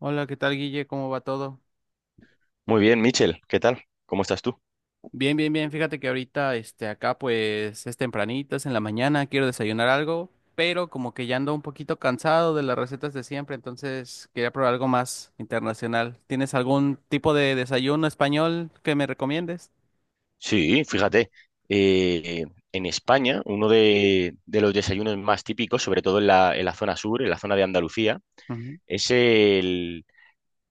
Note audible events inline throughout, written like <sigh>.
Hola, ¿qué tal, Guille? ¿Cómo va todo? Muy bien, Michel, ¿qué tal? ¿Cómo estás tú? Bien, bien, bien. Fíjate que ahorita, acá pues es tempranito, es en la mañana, quiero desayunar algo, pero como que ya ando un poquito cansado de las recetas de siempre, entonces quería probar algo más internacional. ¿Tienes algún tipo de desayuno español que me recomiendes? Sí, fíjate, eh, en España uno de los desayunos más típicos, sobre todo en la zona sur, en la zona de Andalucía, Ujú. es el-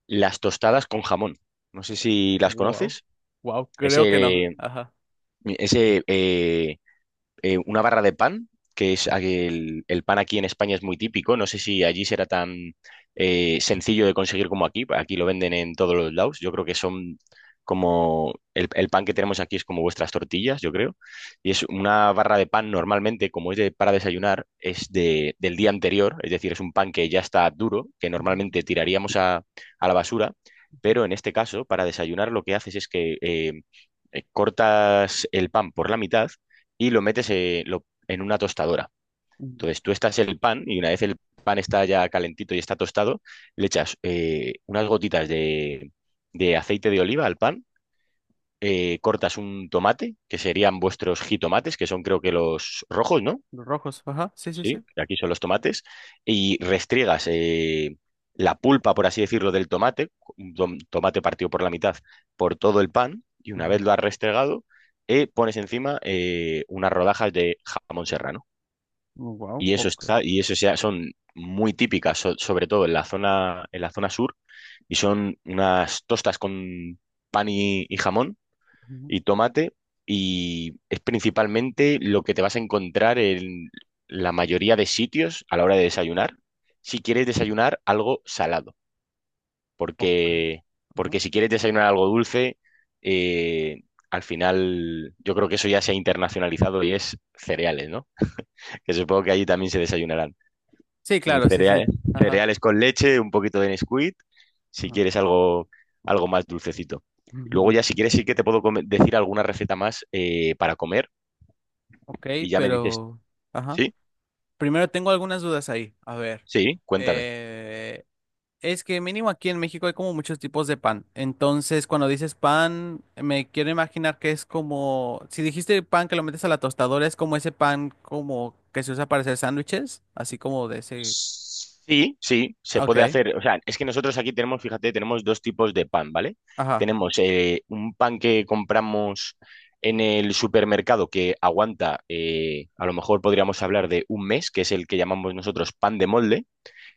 las tostadas con jamón. No sé si las Wow, conoces. wow, creo que no. Ese, Ajá. ese, una barra de pan, que es el pan aquí en España es muy típico. No sé si allí será tan sencillo de conseguir como aquí. Aquí lo venden en todos los lados. Yo creo que son como el pan que tenemos aquí es como vuestras tortillas, yo creo. Y es una barra de pan normalmente, como es para desayunar, es del día anterior. Es decir, es un pan que ya está duro, que Ujú, normalmente tiraríamos a la basura. ujú, Pero en este caso, para desayunar, lo que haces es que cortas el pan por la mitad y lo metes en una tostadora. ujú. Entonces tú estás el pan y una vez el pan está ya calentito y está tostado, le echas unas gotitas de aceite de oliva al pan, cortas un tomate, que serían vuestros jitomates, que son creo que los rojos, ¿no? Los rojos, ajá, sí, sí, Sí, sí. aquí son los tomates, y restriegas la pulpa, por así decirlo, del tomate, un tomate partido por la mitad, por todo el pan, y una vez lo has restregado, pones encima unas rodajas de jamón serrano. Wow, Y eso ok. está, y eso ya son muy típicas, sobre todo en la zona sur, y son unas tostas con pan y jamón Ujú, y tomate, y es principalmente lo que te vas a encontrar en la mayoría de sitios a la hora de desayunar, si quieres desayunar algo salado, ok, porque, ajá. porque si quieres desayunar algo dulce, eh, al final yo creo que eso ya se ha internacionalizado y es cereales, ¿no? <laughs> Que supongo que allí también se desayunarán. Sí, Mm, claro, sí, sí. Cereales, Ajá. cereales, con leche, un poquito de Nesquik, si Ajá. quieres algo más dulcecito. Y luego ya si <laughs> quieres sí que te puedo decir alguna receta más para comer Ok, y ya me dices, pero... Ajá. sí, Primero tengo algunas dudas ahí. A ver. sí, cuéntame. eh, es que mínimo aquí en México hay como muchos tipos de pan. Entonces, cuando dices pan, me quiero imaginar que es como... Si dijiste pan que lo metes a la tostadora, es como ese pan como que se usa para hacer sándwiches. Así como de ese... Sí, sí, se puede Ok. hacer. O sea, es que nosotros aquí tenemos, fíjate, tenemos dos tipos de pan, ¿vale? Ajá. Tenemos un pan que compramos en el supermercado que aguanta, a lo mejor podríamos hablar de un mes, que es el que llamamos nosotros pan de molde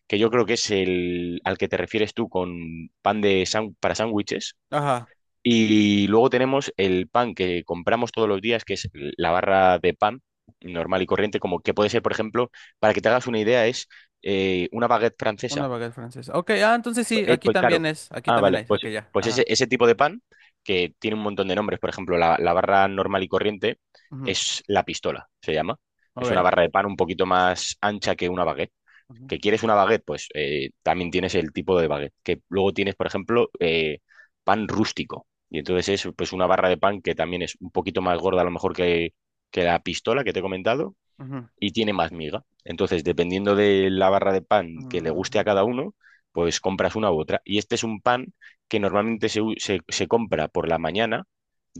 que yo creo que es el al que te refieres tú con pan de para sándwiches. Ajá. Y luego tenemos el pan que compramos todos los días, que es la barra de pan normal y corriente, como que puede ser, por ejemplo, para que te hagas una idea, es una baguette Una francesa. baguette francesa. Ok, ah, entonces sí, Eh, aquí pues también claro. es. Aquí Ah, también vale, hay. pues, Ok, ya. pues ese, Ajá. ese tipo de pan que tiene un montón de nombres, por ejemplo, la barra normal y corriente Ujú, es la pistola, se llama. Es una ok. barra de pan un poquito más ancha que una baguette. Ujú, ¿Que quieres una baguette? Pues también tienes el tipo de baguette. Que luego tienes, por ejemplo, pan rústico. Y entonces es pues una barra de pan que también es un poquito más gorda a lo mejor que la pistola que te he comentado ujú, y tiene más miga. Entonces, dependiendo de la barra de pan que le guste a ujú, cada uno, pues compras una u otra. Y este es un pan que normalmente se compra por la mañana,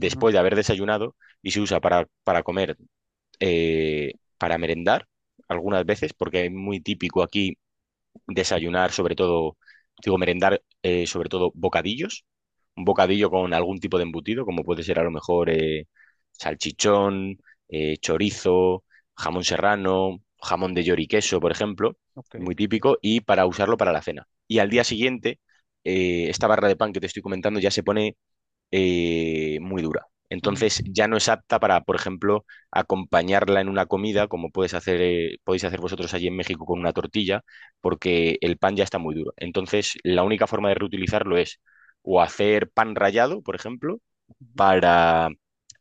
ujú, de haber desayunado, y se usa para comer, para merendar algunas veces, porque es muy típico aquí desayunar sobre todo, digo, merendar sobre todo bocadillos, un bocadillo con algún tipo de embutido, como puede ser a lo mejor salchichón, chorizo, jamón serrano, jamón de york y queso por ejemplo, ok. muy típico, y para usarlo para la cena. Y al día siguiente, esta barra de pan que te estoy comentando ya se pone muy dura. Ujú, Entonces ya no es apta para, por ejemplo, acompañarla en una comida, como puedes hacer, podéis hacer vosotros allí en México con una tortilla, porque el pan ya está muy duro. Entonces, la única forma de reutilizarlo es o hacer pan rallado, por ejemplo, para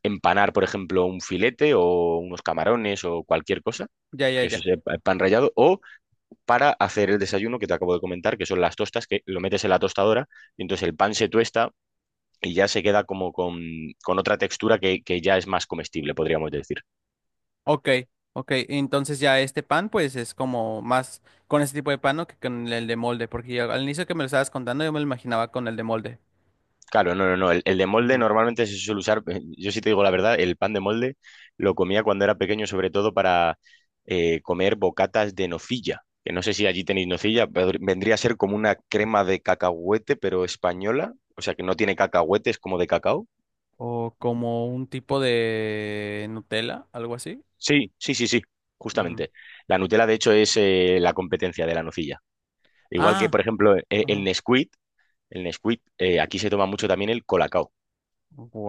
empanar, por ejemplo, un filete o unos camarones o cualquier cosa, ya, ya, que eso ya. sea pan rallado, o para hacer el desayuno que te acabo de comentar, que son las tostas, que lo metes en la tostadora y entonces el pan se tuesta y ya se queda como con otra textura que ya es más comestible, podríamos decir. Ok, ok. Entonces ya este pan, pues es como más con este tipo de pan, ¿no? Que con el de molde, porque ya al inicio que me lo estabas contando yo me lo imaginaba con el de molde. Claro, no, no, no. El de molde Ujú. normalmente se suele usar, yo sí te digo la verdad, el pan de molde lo comía cuando era pequeño, sobre todo para comer bocatas de nocilla. Que no sé si allí tenéis nocilla, pero vendría a ser como una crema de cacahuete, pero española. O sea, que no tiene cacahuetes como de cacao. O como un tipo de Nutella, algo así. Sí, sí, sí, sí, Ujú. justamente. La Nutella, de hecho, es la competencia de la nocilla. Igual que, Ah, por ejemplo, el ajá. Nesquik, El Nesquik, aquí se toma mucho también el Colacao,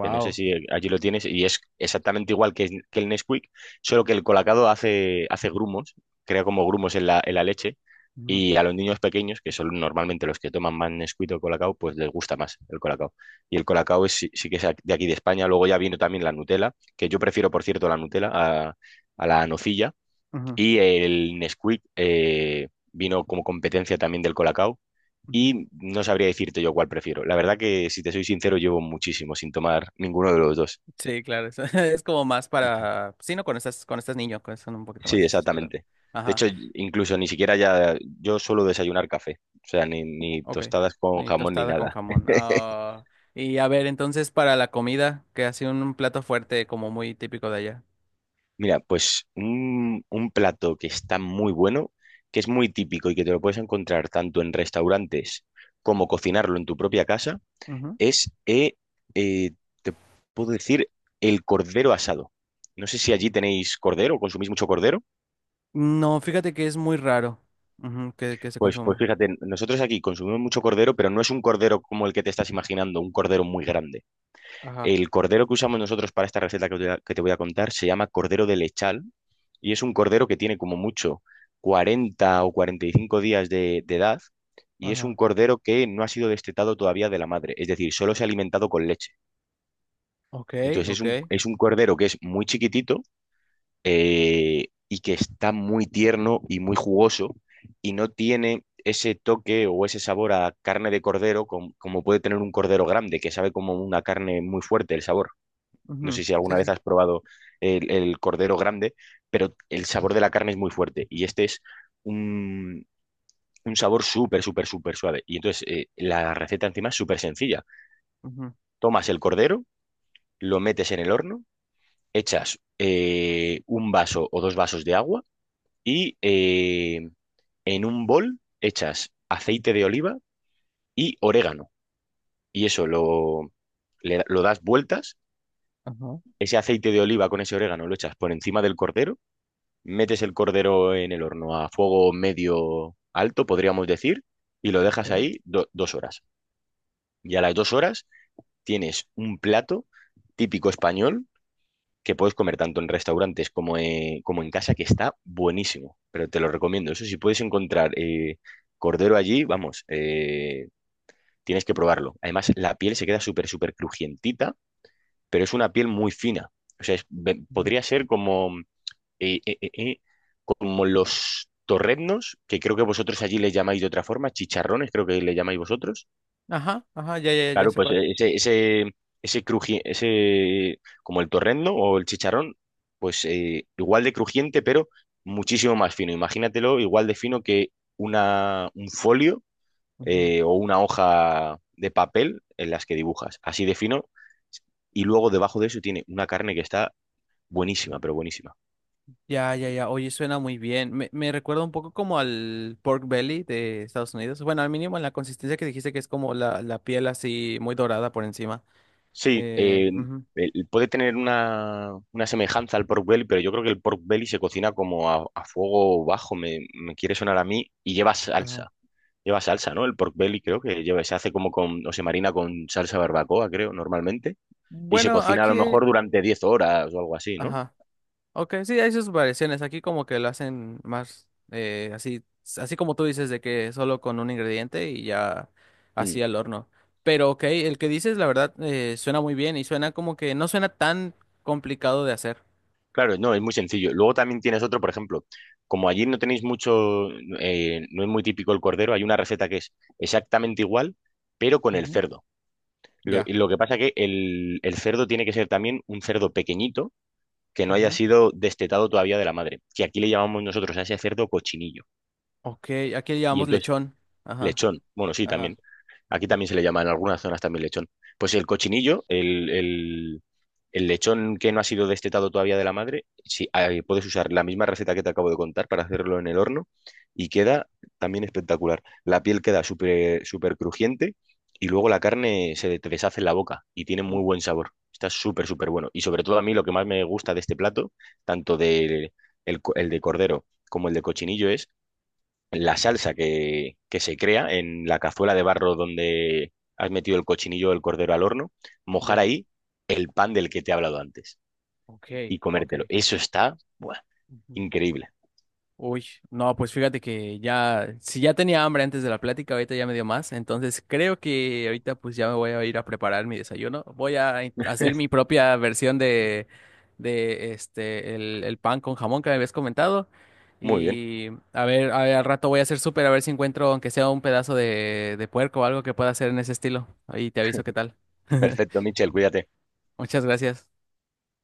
que no sé si allí lo tienes, y es exactamente igual que el Nesquik, solo que el Colacao hace grumos, crea como grumos en la leche, Ujú, y a los niños pequeños, que son normalmente los que toman más Nesquik o Colacao, pues les gusta más el Colacao. Y el Colacao es, sí, sí que es de aquí de España, luego ya vino también la Nutella, que yo prefiero, por cierto, la Nutella a la nocilla, ujú, y el Nesquik, vino como competencia también del Colacao ujú. y no sabría decirte yo cuál prefiero. La verdad que, si te soy sincero, llevo muchísimo sin tomar ninguno de los dos. Sí, claro, es, <laughs> es como más Ujú. para, sí, no, cuando estás niño, son un poquito más Sí, de ese estilo. exactamente. De Ajá. hecho, incluso ni siquiera ya, yo suelo desayunar café, o sea, ni Ok. tostadas con Y jamón ni tostada con nada. jamón. <laughs> Ah, y a ver, entonces para la comida, que ha sido un plato fuerte como muy típico de allá. Mira, pues un plato que está muy bueno, que es muy típico y que te lo puedes encontrar tanto en restaurantes como cocinarlo en tu propia casa, Ujú. es, eh, te puedo decir, el cordero asado. No sé si allí tenéis cordero, ¿consumís mucho cordero? No, fíjate que es muy raro ujú, que se Pues consuma. fíjate, nosotros aquí consumimos mucho cordero, pero no es un cordero como el que te estás imaginando, un cordero muy grande. Ajá, El cordero que usamos nosotros para esta receta que te voy a contar se llama cordero de lechal y es un cordero que tiene como mucho 40 o 45 días de edad y es un ajá. cordero que no ha sido destetado todavía de la madre, es decir, solo se ha alimentado con leche. Ok, Entonces es ok. un, es un cordero que es muy chiquitito y que está muy tierno y muy jugoso y no tiene ese toque o ese sabor a carne de cordero como puede tener un cordero grande, que sabe como una carne muy fuerte el sabor. No sé Ujú, si alguna sí, sí. vez has probado el cordero grande, pero el sabor de la carne es muy fuerte y este es un, un sabor súper, súper, súper suave. Y entonces la receta encima es súper sencilla. Ujú, Tomas el cordero, lo metes en el horno, echas un vaso o dos vasos de agua, y en un bol echas aceite de oliva y orégano. Y eso lo das vueltas. ajá, Ese aceite de oliva con ese orégano lo echas por encima del cordero. Metes el cordero en el horno a fuego medio alto, podríamos decir, y lo ok. dejas ahí 2 horas. Y a las 2 horas tienes un plato típico español que puedes comer tanto en restaurantes como, como en casa, que está buenísimo, pero te lo recomiendo. Eso si puedes encontrar cordero allí, vamos, tienes que probarlo. Además, la piel se queda súper, súper crujientita, pero es una piel muy fina. O sea, Ujú. podría ser como, eh, eh, eh, eh, como los torreznos, que creo que vosotros allí les llamáis de otra forma, chicharrones, creo que le llamáis vosotros. Ajá, ajá, ya, ya, ya Claro, sé pues cuál. Ese, como el torrendo o el chicharrón, pues igual de crujiente, pero muchísimo más fino. Imagínatelo igual de fino que un folio Ujú. O una hoja de papel en las que dibujas, así de fino. Y luego debajo de eso tiene una carne que está buenísima, pero buenísima. Ya, ya, ya. Oye, suena muy bien. Me recuerda un poco como al pork belly de Estados Unidos. Bueno, al mínimo en la consistencia que dijiste que es como la piel así muy dorada por encima. Sí, Ujú, puede tener una semejanza al pork belly, pero yo creo que el pork belly se cocina como a fuego bajo, me quiere sonar a mí, y lleva ajá. salsa. Lleva salsa, ¿no? El pork belly creo que lleva, se hace como con, o se marina con salsa barbacoa, creo, normalmente, y se Bueno, cocina a lo aquí, mejor durante 10 horas o algo así, ¿no? ajá. Ok, sí, hay sus variaciones. Aquí como que lo hacen más así, así como tú dices, de que solo con un ingrediente y ya Mm, así al horno. Pero ok, el que dices, la verdad, suena muy bien y suena como que no suena tan complicado de hacer. Claro, no, es muy sencillo. Luego también tienes otro, por ejemplo, como allí no tenéis mucho, no es muy típico el cordero, hay una receta que es exactamente igual, pero con el Ujú, cerdo. Lo, ya. lo que pasa que el cerdo tiene que ser también un cerdo pequeñito que no haya Ajá. sido destetado todavía de la madre, que aquí le llamamos nosotros a ese cerdo cochinillo. Ok, aquí le Y llamamos entonces, lechón. Ajá, lechón, bueno, sí, ajá. también. Aquí también se le llama en algunas zonas también lechón. Pues el cochinillo, el lechón que no ha sido destetado todavía de la madre, sí, ahí puedes usar la misma receta que te acabo de contar para hacerlo en el horno y queda también espectacular. La piel queda súper súper crujiente y luego la carne se te deshace en la boca y tiene Mm. muy buen sabor. Está súper, súper bueno. Y sobre todo a mí lo que más me gusta de este plato, tanto el de cordero como el de cochinillo, la salsa que se crea en la cazuela de barro donde has metido el cochinillo o el cordero al horno, mojar Ya. ahí el pan del que te he hablado antes Ok, y comértelo. ok. Eso está, buah, Ujú. increíble. Uy, no, pues fíjate que ya, si ya tenía hambre antes de la plática, ahorita ya me dio más, entonces creo que ahorita pues ya me voy a ir a preparar mi desayuno. Voy a hacer mi propia versión de, el pan con jamón que me habías comentado Muy bien. y a ver, al rato voy a hacer súper a ver si encuentro aunque sea un pedazo de puerco o algo que pueda hacer en ese estilo. Ahí te aviso qué tal. <laughs> Perfecto, Michel, cuídate. Muchas gracias.